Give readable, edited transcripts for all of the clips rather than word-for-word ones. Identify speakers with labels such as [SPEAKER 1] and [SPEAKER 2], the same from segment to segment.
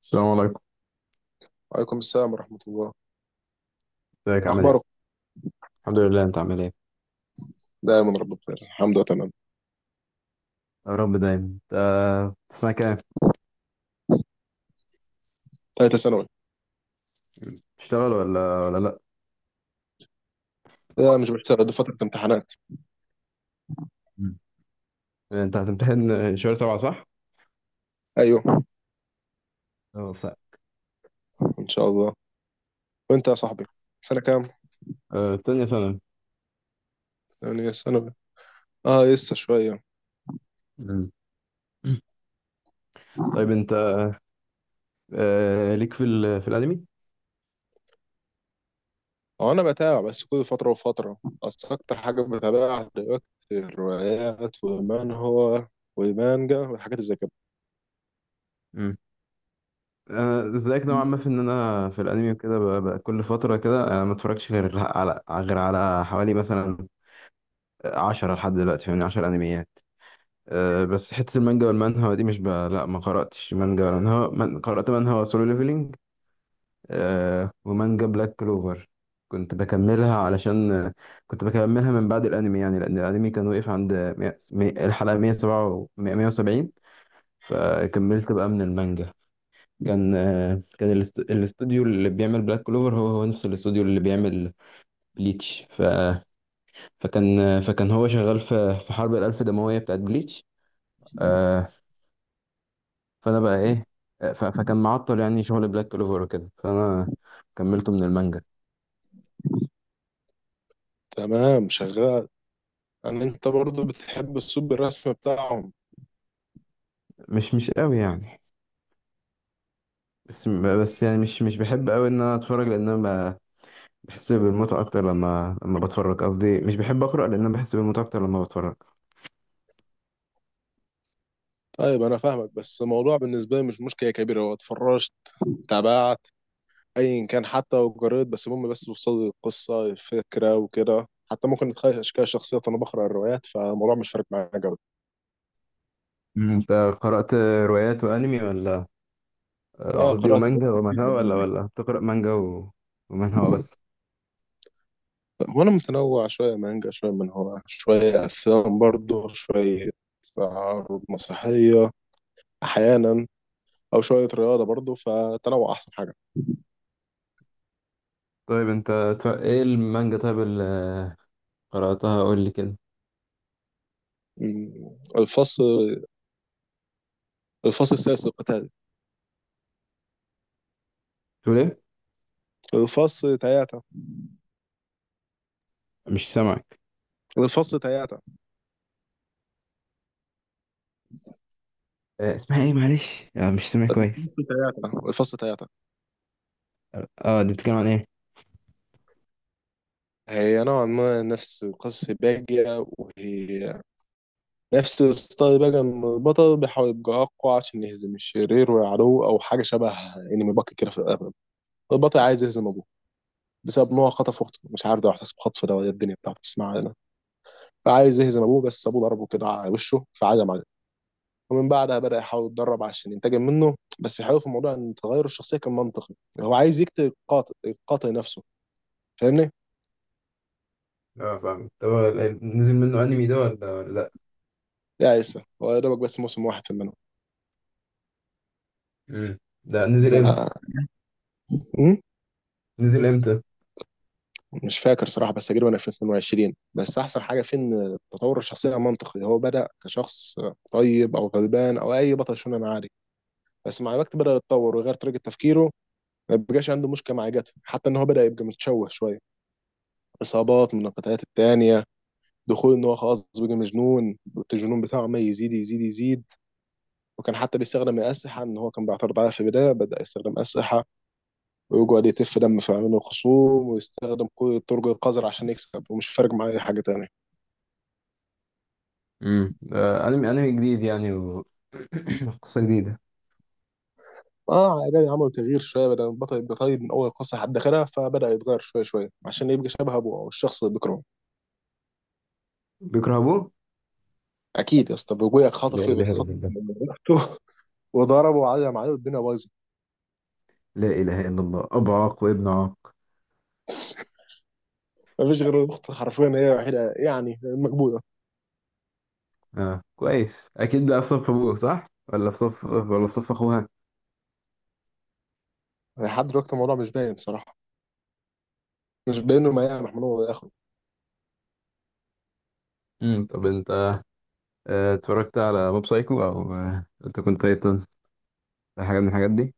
[SPEAKER 1] السلام عليكم.
[SPEAKER 2] وعليكم السلام ورحمة الله.
[SPEAKER 1] ازيك، عامل
[SPEAKER 2] أخبارك.
[SPEAKER 1] ايه؟ الحمد لله. انت عامل ايه؟
[SPEAKER 2] دائما رب بخير، الحمد لله تمام.
[SPEAKER 1] يا رب دايما انت. في سنة كام؟
[SPEAKER 2] ثالثة ثانوي.
[SPEAKER 1] بتشتغل ولا لأ؟
[SPEAKER 2] لا مش بشتغل، دي فترة امتحانات.
[SPEAKER 1] مم. انت هتمتحن شهر سبعة، صح؟
[SPEAKER 2] أيوه.
[SPEAKER 1] اه ف
[SPEAKER 2] إن شاء الله. وأنت يا صاحبي، سنة كام؟
[SPEAKER 1] آه، تانية ثانوي.
[SPEAKER 2] يعني ثانوي. آه لسه شوية.
[SPEAKER 1] مم. طيب انت، ليك في الأنمي؟
[SPEAKER 2] هو أنا بتابع بس كل فترة وفترة. أصل أكتر حاجة بتابعها دلوقتي الروايات ومن هو والمانجا والحاجات زي كده.
[SPEAKER 1] مم. انا زيك نوعا ما في ان انا في الانمي وكده، كل فتره كده انا ما اتفرجش غير على حوالي مثلا 10 لحد دلوقتي، فاهمني، 10 انميات. بس حته المانجا والمانهوا دي، مش ب... لا، ما قراتش مانجا ولا منهوا، قرات منهوا سولو ليفلينج. ومانجا بلاك كلوفر، كنت بكملها، علشان، كنت بكملها من بعد الانمي، يعني لان الانمي كان وقف عند الحلقة 107 و 170. فكملت بقى من المانجا. كان الاستوديو اللي بيعمل بلاك كلوفر هو نفس الاستوديو اللي بيعمل بليتش فكان هو شغال في حرب الالف دموية بتاعت بليتش. آه فانا بقى ايه، فكان معطل يعني شغل بلاك كلوفر وكده، فانا كملته من المانجا.
[SPEAKER 2] تمام شغال. يعني انت برضه بتحب اسلوب الرسم بتاعهم؟
[SPEAKER 1] مش قوي يعني، بس يعني مش بحب قوي ان انا اتفرج، لان انا بحس بالمتعه اكتر لما بتفرج، قصدي مش بحب اقرا لان انا بحس بالمتعه اكتر لما بتفرج.
[SPEAKER 2] طيب انا فاهمك، بس الموضوع بالنسبه لي مش مشكله كبيره، هو اتفرجت تابعت ايا كان حتى لو جريد، بس المهم بس توصل لي القصه الفكره وكده، حتى ممكن نتخيل اشكال شخصيات، انا بقرا الروايات فالموضوع مش فارق معايا قوي.
[SPEAKER 1] انت قرات روايات وانمي ولا؟
[SPEAKER 2] اه
[SPEAKER 1] قصدي
[SPEAKER 2] قرات روايات
[SPEAKER 1] ومانجا
[SPEAKER 2] كتير من
[SPEAKER 1] ومانهوا، ولا
[SPEAKER 2] الأنمي.
[SPEAKER 1] ولا بتقرا مانجا ومانهوا بس؟
[SPEAKER 2] وانا متنوع، شويه مانجا شويه من هو شويه افلام برضه، شويه عروض مسرحيه احيانا، او شويه رياضه برضه، فتنوع احسن حاجه.
[SPEAKER 1] طيب انت، ايه المانجا طيب اللي قراتها، قول لي كده.
[SPEAKER 2] مم. الفصل السادس القتالي.
[SPEAKER 1] تقول ايه؟
[SPEAKER 2] الفصل تياتا.
[SPEAKER 1] مش سامعك.
[SPEAKER 2] الفصل تياتا.
[SPEAKER 1] اسمها ايه، معلش، مش سامع كويس.
[SPEAKER 2] الفصل تياتا. الفصل تياتا.
[SPEAKER 1] اه دي بتتكلم عن ايه؟
[SPEAKER 2] هي نوعا ما نفس قصة باجية، وهي نفس ستايل باجية، إن البطل بيحاول يبقى أقوى عشان يهزم الشرير ويعلوه أو حاجة شبه أنمي باكي كده في الأغلب. البطل عايز يهزم أبوه بسبب إن هو خطف أخته، مش عارف ده احتسب خطف ده ولا إيه الدنيا بتاعته، بس ما علينا. فعايز يهزم أبوه، بس أبوه ضربه كده على وشه، فعزم عليه. ومن بعدها بدأ يحاول يتدرب عشان ينتقم منه. بس الحلو في الموضوع إن تغير الشخصية كان منطقي. هو عايز يقتل القاتل، القاتل نفسه، فاهمني؟
[SPEAKER 1] اه، فاهم. طب هو نزل منه انمي ده ولا لا؟
[SPEAKER 2] يا عيسى هو يا دوبك بس موسم واحد في
[SPEAKER 1] امم. ده نزل امتى؟
[SPEAKER 2] المنهج.
[SPEAKER 1] نزل امتى؟
[SPEAKER 2] مش فاكر صراحة، بس تقريبا 2022. بس أحسن حاجة فيه إن تطور الشخصية منطقي. هو بدأ كشخص طيب أو غلبان أو أي بطل شونان عادي، بس مع الوقت بدأ يتطور ويغير طريقة تفكيره. ما بقاش عنده مشكلة مع جاته، حتى إن هو بدأ يبقى متشوه شوية، إصابات من القتالات التانية، دخول إن هو خلاص بقى مجنون، الجنون بتاعه ما يزيد يزيد يزيد. وكان حتى بيستخدم الأسلحة، إن هو كان بيعترض عليها في البداية، بدأ يستخدم أسلحة ويقعد يتف دم في عيون الخصوم ويستخدم كل الطرق القذرة عشان يكسب، ومش فارق معاه أي حاجة تانية.
[SPEAKER 1] انمي جديد يعني قصة جديدة.
[SPEAKER 2] اه عادي، عملوا تغيير شويه، بدل بطل يبقى طيب من اول قصه لحد اخرها، فبدا يتغير شويه شويه عشان يبقى شبه ابوه او الشخص اللي بيكرهه.
[SPEAKER 1] بيكرهبوه.
[SPEAKER 2] اكيد يا اسطى، ابويا
[SPEAKER 1] لا
[SPEAKER 2] خطف
[SPEAKER 1] اله الا
[SPEAKER 2] خطف
[SPEAKER 1] الله.
[SPEAKER 2] من اخته، وضربه وعلم عليه والدنيا بايظه.
[SPEAKER 1] لا إله إلا الله، أبو عاق وابن عاق.
[SPEAKER 2] مفيش غير الاخت حرفيا، هي الوحيده يعني مكبوته.
[SPEAKER 1] آه، كويس. أكيد بقى في صف أبوه، صح؟ ولا في صف أخوها؟
[SPEAKER 2] لحد دلوقتي الموضوع مش باين بصراحه، مش باين انه يا محمود هو اخره.
[SPEAKER 1] طب أنت، اتفرجت على موب سايكو، أو، أنت كنت تايتن، حاجة من الحاجات دي؟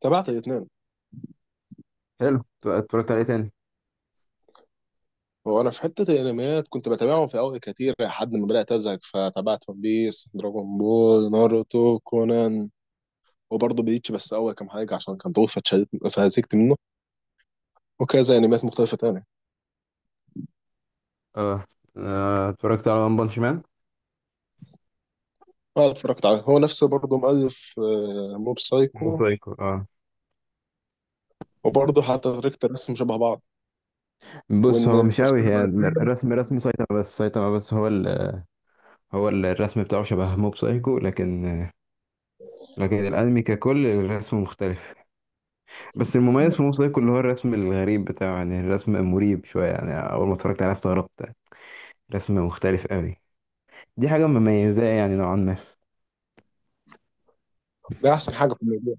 [SPEAKER 2] تابعت الاثنين.
[SPEAKER 1] حلو. اتفرجت على إيه تاني؟
[SPEAKER 2] هو انا في حته الانميات كنت بتابعهم في اول كتير لحد ما بدات ازهق، فتابعت ون بيس، دراجون بول، ناروتو، كونان، وبرضه بليتش بس اول كام حاجه عشان كان طويل فاتشدت فهزكت منه، وكذا انميات مختلفه تانية.
[SPEAKER 1] آه اتفرجت على ون بانش مان؟
[SPEAKER 2] اه اتفرجت عليه، هو نفسه برضه مؤلف موب سايكو.
[SPEAKER 1] موسايكو، اه.
[SPEAKER 2] وبرضه حتى طريقه الرسم شبه بعض،
[SPEAKER 1] بص،
[SPEAKER 2] وان
[SPEAKER 1] هو مش قوي
[SPEAKER 2] الشخصيه
[SPEAKER 1] هي،
[SPEAKER 2] الرئيسية.
[SPEAKER 1] الرسم، رسم سايتاما بس هو هو الرسم بتاعه شبه موب سايكو، لكن لكن الانمي ككل الرسم مختلف. بس المميز في موب سايكو اللي هو الرسم الغريب بتاعه، يعني الرسم مريب شويه، يعني اول ما اتفرجت عليه استغربت. رسم مختلف قوي. دي حاجه مميزاه يعني، نوعا ما.
[SPEAKER 2] ده احسن حاجه في الموضوع.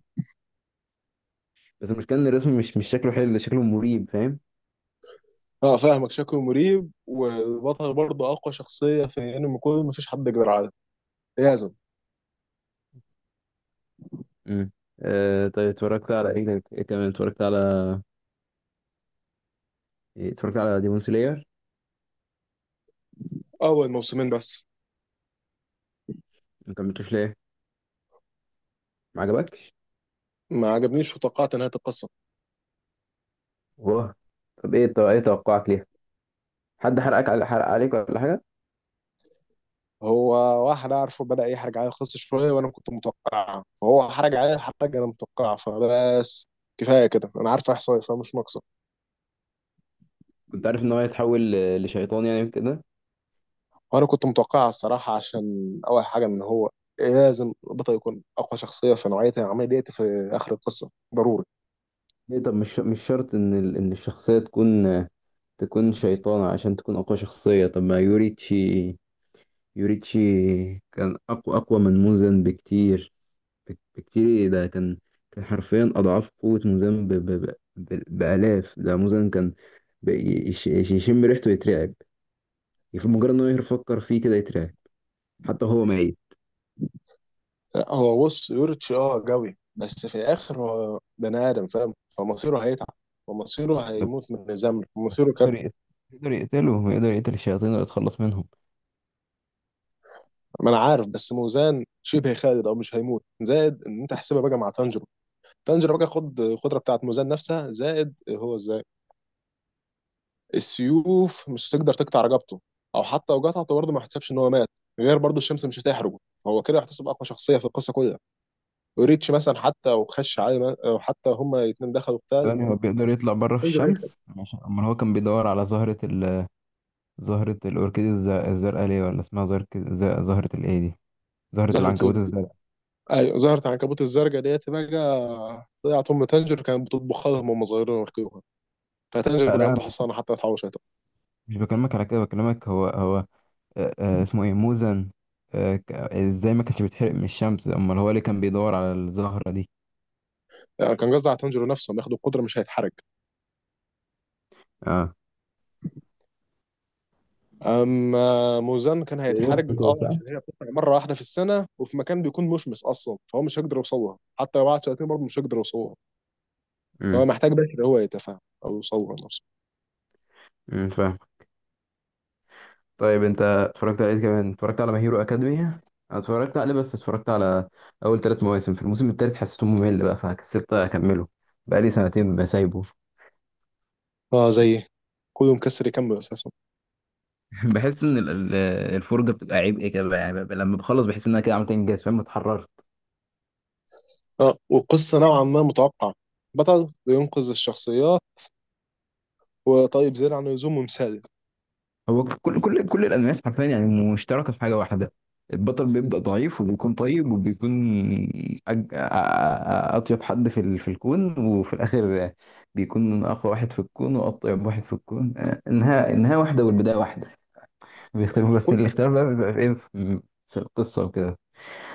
[SPEAKER 1] بس المشكله ان الرسم مش شكله حلو، شكله مريب، فاهم.
[SPEAKER 2] اه فاهمك، شكله مريب، والبطل برضه اقوى شخصيه في انمي كله، مفيش حد يقدر عليه لازم.
[SPEAKER 1] امم. طيب اتفرجت على ايه تاني؟ إيه كمان اتفرجت على، إيه، اتفرجت على ديمون سلاير؟
[SPEAKER 2] اول موسمين بس.
[SPEAKER 1] ما كملتوش ليه؟ ما عجبكش؟
[SPEAKER 2] ما عجبنيش وتوقعت نهايه القصه.
[SPEAKER 1] واه. طب ايه توقعك ليها؟ حد حرق عليك ولا حاجه؟
[SPEAKER 2] هو واحد اعرفه بدا يحرج عليا القصه شويه، وانا كنت متوقعها، فهو حرج عليا حرج، انا متوقعها فبس. كفايه كده، انا عارف احصائي، فمش ناقص.
[SPEAKER 1] كنت عارف ان هو هيتحول لشيطان يعني كده؟
[SPEAKER 2] وانا كنت متوقعها الصراحه، عشان اول حاجه ان هو لازم البطل يكون اقوى شخصيه في نوعيه العمليه ديت في اخر القصه ضروري.
[SPEAKER 1] ليه؟ طب مش شرط ان الشخصيه تكون، تكون شيطانه عشان تكون اقوى شخصيه. طب ما يوريتشي كان اقوى من موزن بكتير، بكتير، إيه ده، كان كان حرفيا اضعاف قوه موزن بالاف، ده موزن كان يشم ريحته يترعب، في مجرد ان هو يفكر فيه كده يترعب، حتى هو ميت.
[SPEAKER 2] لا، هو بص، يوريتش قوي، بس في الاخر هو بني ادم فاهم، فمصيره هيتعب ومصيره
[SPEAKER 1] بس
[SPEAKER 2] هيموت من الزمن،
[SPEAKER 1] بس
[SPEAKER 2] ومصيره كان.
[SPEAKER 1] يقدر يقتل الشياطين اللي يتخلص منهم.
[SPEAKER 2] ما انا عارف، بس موزان شبه خالد او مش هيموت، زائد ان انت حسبها بقى مع تانجيرو. تانجيرو بقى خد القدره بتاعت موزان نفسها، زائد هو السيوف مش هتقدر تقطع رقبته، او حتى لو قطعته برضه ما يحتسبش ان هو مات، غير برضه الشمس مش هتحرقه. هو كده يحتسب اقوى شخصيه في القصه كلها. وريتش مثلا حتى وخش عليه، او حتى هما الاثنين دخلوا قتال،
[SPEAKER 1] يعني هو بيقدر يطلع بره في
[SPEAKER 2] تنجر هيكسب.
[SPEAKER 1] الشمس؟ عشان امال هو كان بيدور على زهرة، زهرة الأوركيد الزرقاء، ليه؟ ولا اسمها زهرة الإيه دي؟ زهرة
[SPEAKER 2] زهرة
[SPEAKER 1] العنكبوت
[SPEAKER 2] ال-،
[SPEAKER 1] الزرقاء؟
[SPEAKER 2] ايوه زهرة العنكبوت الزرقاء ديت بقى طلعت ام تنجر كانت بتطبخ لهم وهم صغيرين ويركبوها، فتنجر
[SPEAKER 1] آه،
[SPEAKER 2] بقى
[SPEAKER 1] لا،
[SPEAKER 2] عنده
[SPEAKER 1] أنا
[SPEAKER 2] حصانه حتى ما تحوش.
[SPEAKER 1] مش بكلمك على كده، بكلمك هو، اسمه إيه، موزن، إزاي ما كانش بيتحرق من الشمس، أمال هو اللي كان بيدور على الزهرة دي؟
[SPEAKER 2] يعني كان قصدي على تنجر نفسه، لما ياخد القدره مش هيتحرق.
[SPEAKER 1] اه،
[SPEAKER 2] اما موزان كان
[SPEAKER 1] زي اخته
[SPEAKER 2] هيتحرج
[SPEAKER 1] كده،
[SPEAKER 2] اه،
[SPEAKER 1] صح؟
[SPEAKER 2] عشان هي بتطلع مره واحده في السنه وفي مكان بيكون مشمس اصلا، فهو مش هيقدر يوصلها حتى لو قعد سنتين، برضه مش هيقدر يوصلها. فهو
[SPEAKER 1] امم.
[SPEAKER 2] محتاج بشر هو يتفاهم، او يوصلها نفسه.
[SPEAKER 1] فاهم. طيب انت، اتفرجت على ايه كمان، اتفرجت على ماهيرو اكاديمي؟ أنا اتفرجت عليه، بس اتفرجت على اول 3 مواسم. في الموسم الثالث حسيته ممل بقى فكسبت اكمله، بقى لي سنتين بسايبه.
[SPEAKER 2] اه زي كله مكسر يكمل اساسا.
[SPEAKER 1] بحس ان الفرجه بتبقى عبء كده، يعني ببقى لما بخلص بحس ان انا كده عملت انجاز، فاهم، اتحررت.
[SPEAKER 2] اه والقصه نوعا ما متوقعه، بطل بينقذ الشخصيات، وطيب زيادة عن اللزوم، ومثالي
[SPEAKER 1] هو كل الانميات حرفيا يعني مشتركه في حاجه واحده، البطل بيبدا ضعيف وبيكون طيب وبيكون، أج... أ- أ- اطيب حد في الكون، وفي الاخر بيكون اقوى واحد في الكون واطيب واحد في الكون، انها واحده والبدايه واحده، بيختلفوا بس
[SPEAKER 2] كله.
[SPEAKER 1] الاختلاف بقى بيبقى في ايه، في القصه وكده.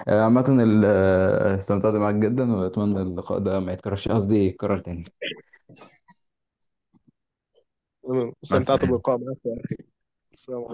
[SPEAKER 1] عامه استمتعت معاك جدا، واتمنى اللقاء ده ما يتكررش، قصدي يتكرر تاني. مع
[SPEAKER 2] استمتعت
[SPEAKER 1] السلامة.
[SPEAKER 2] باللقاء معك. السلام عليكم.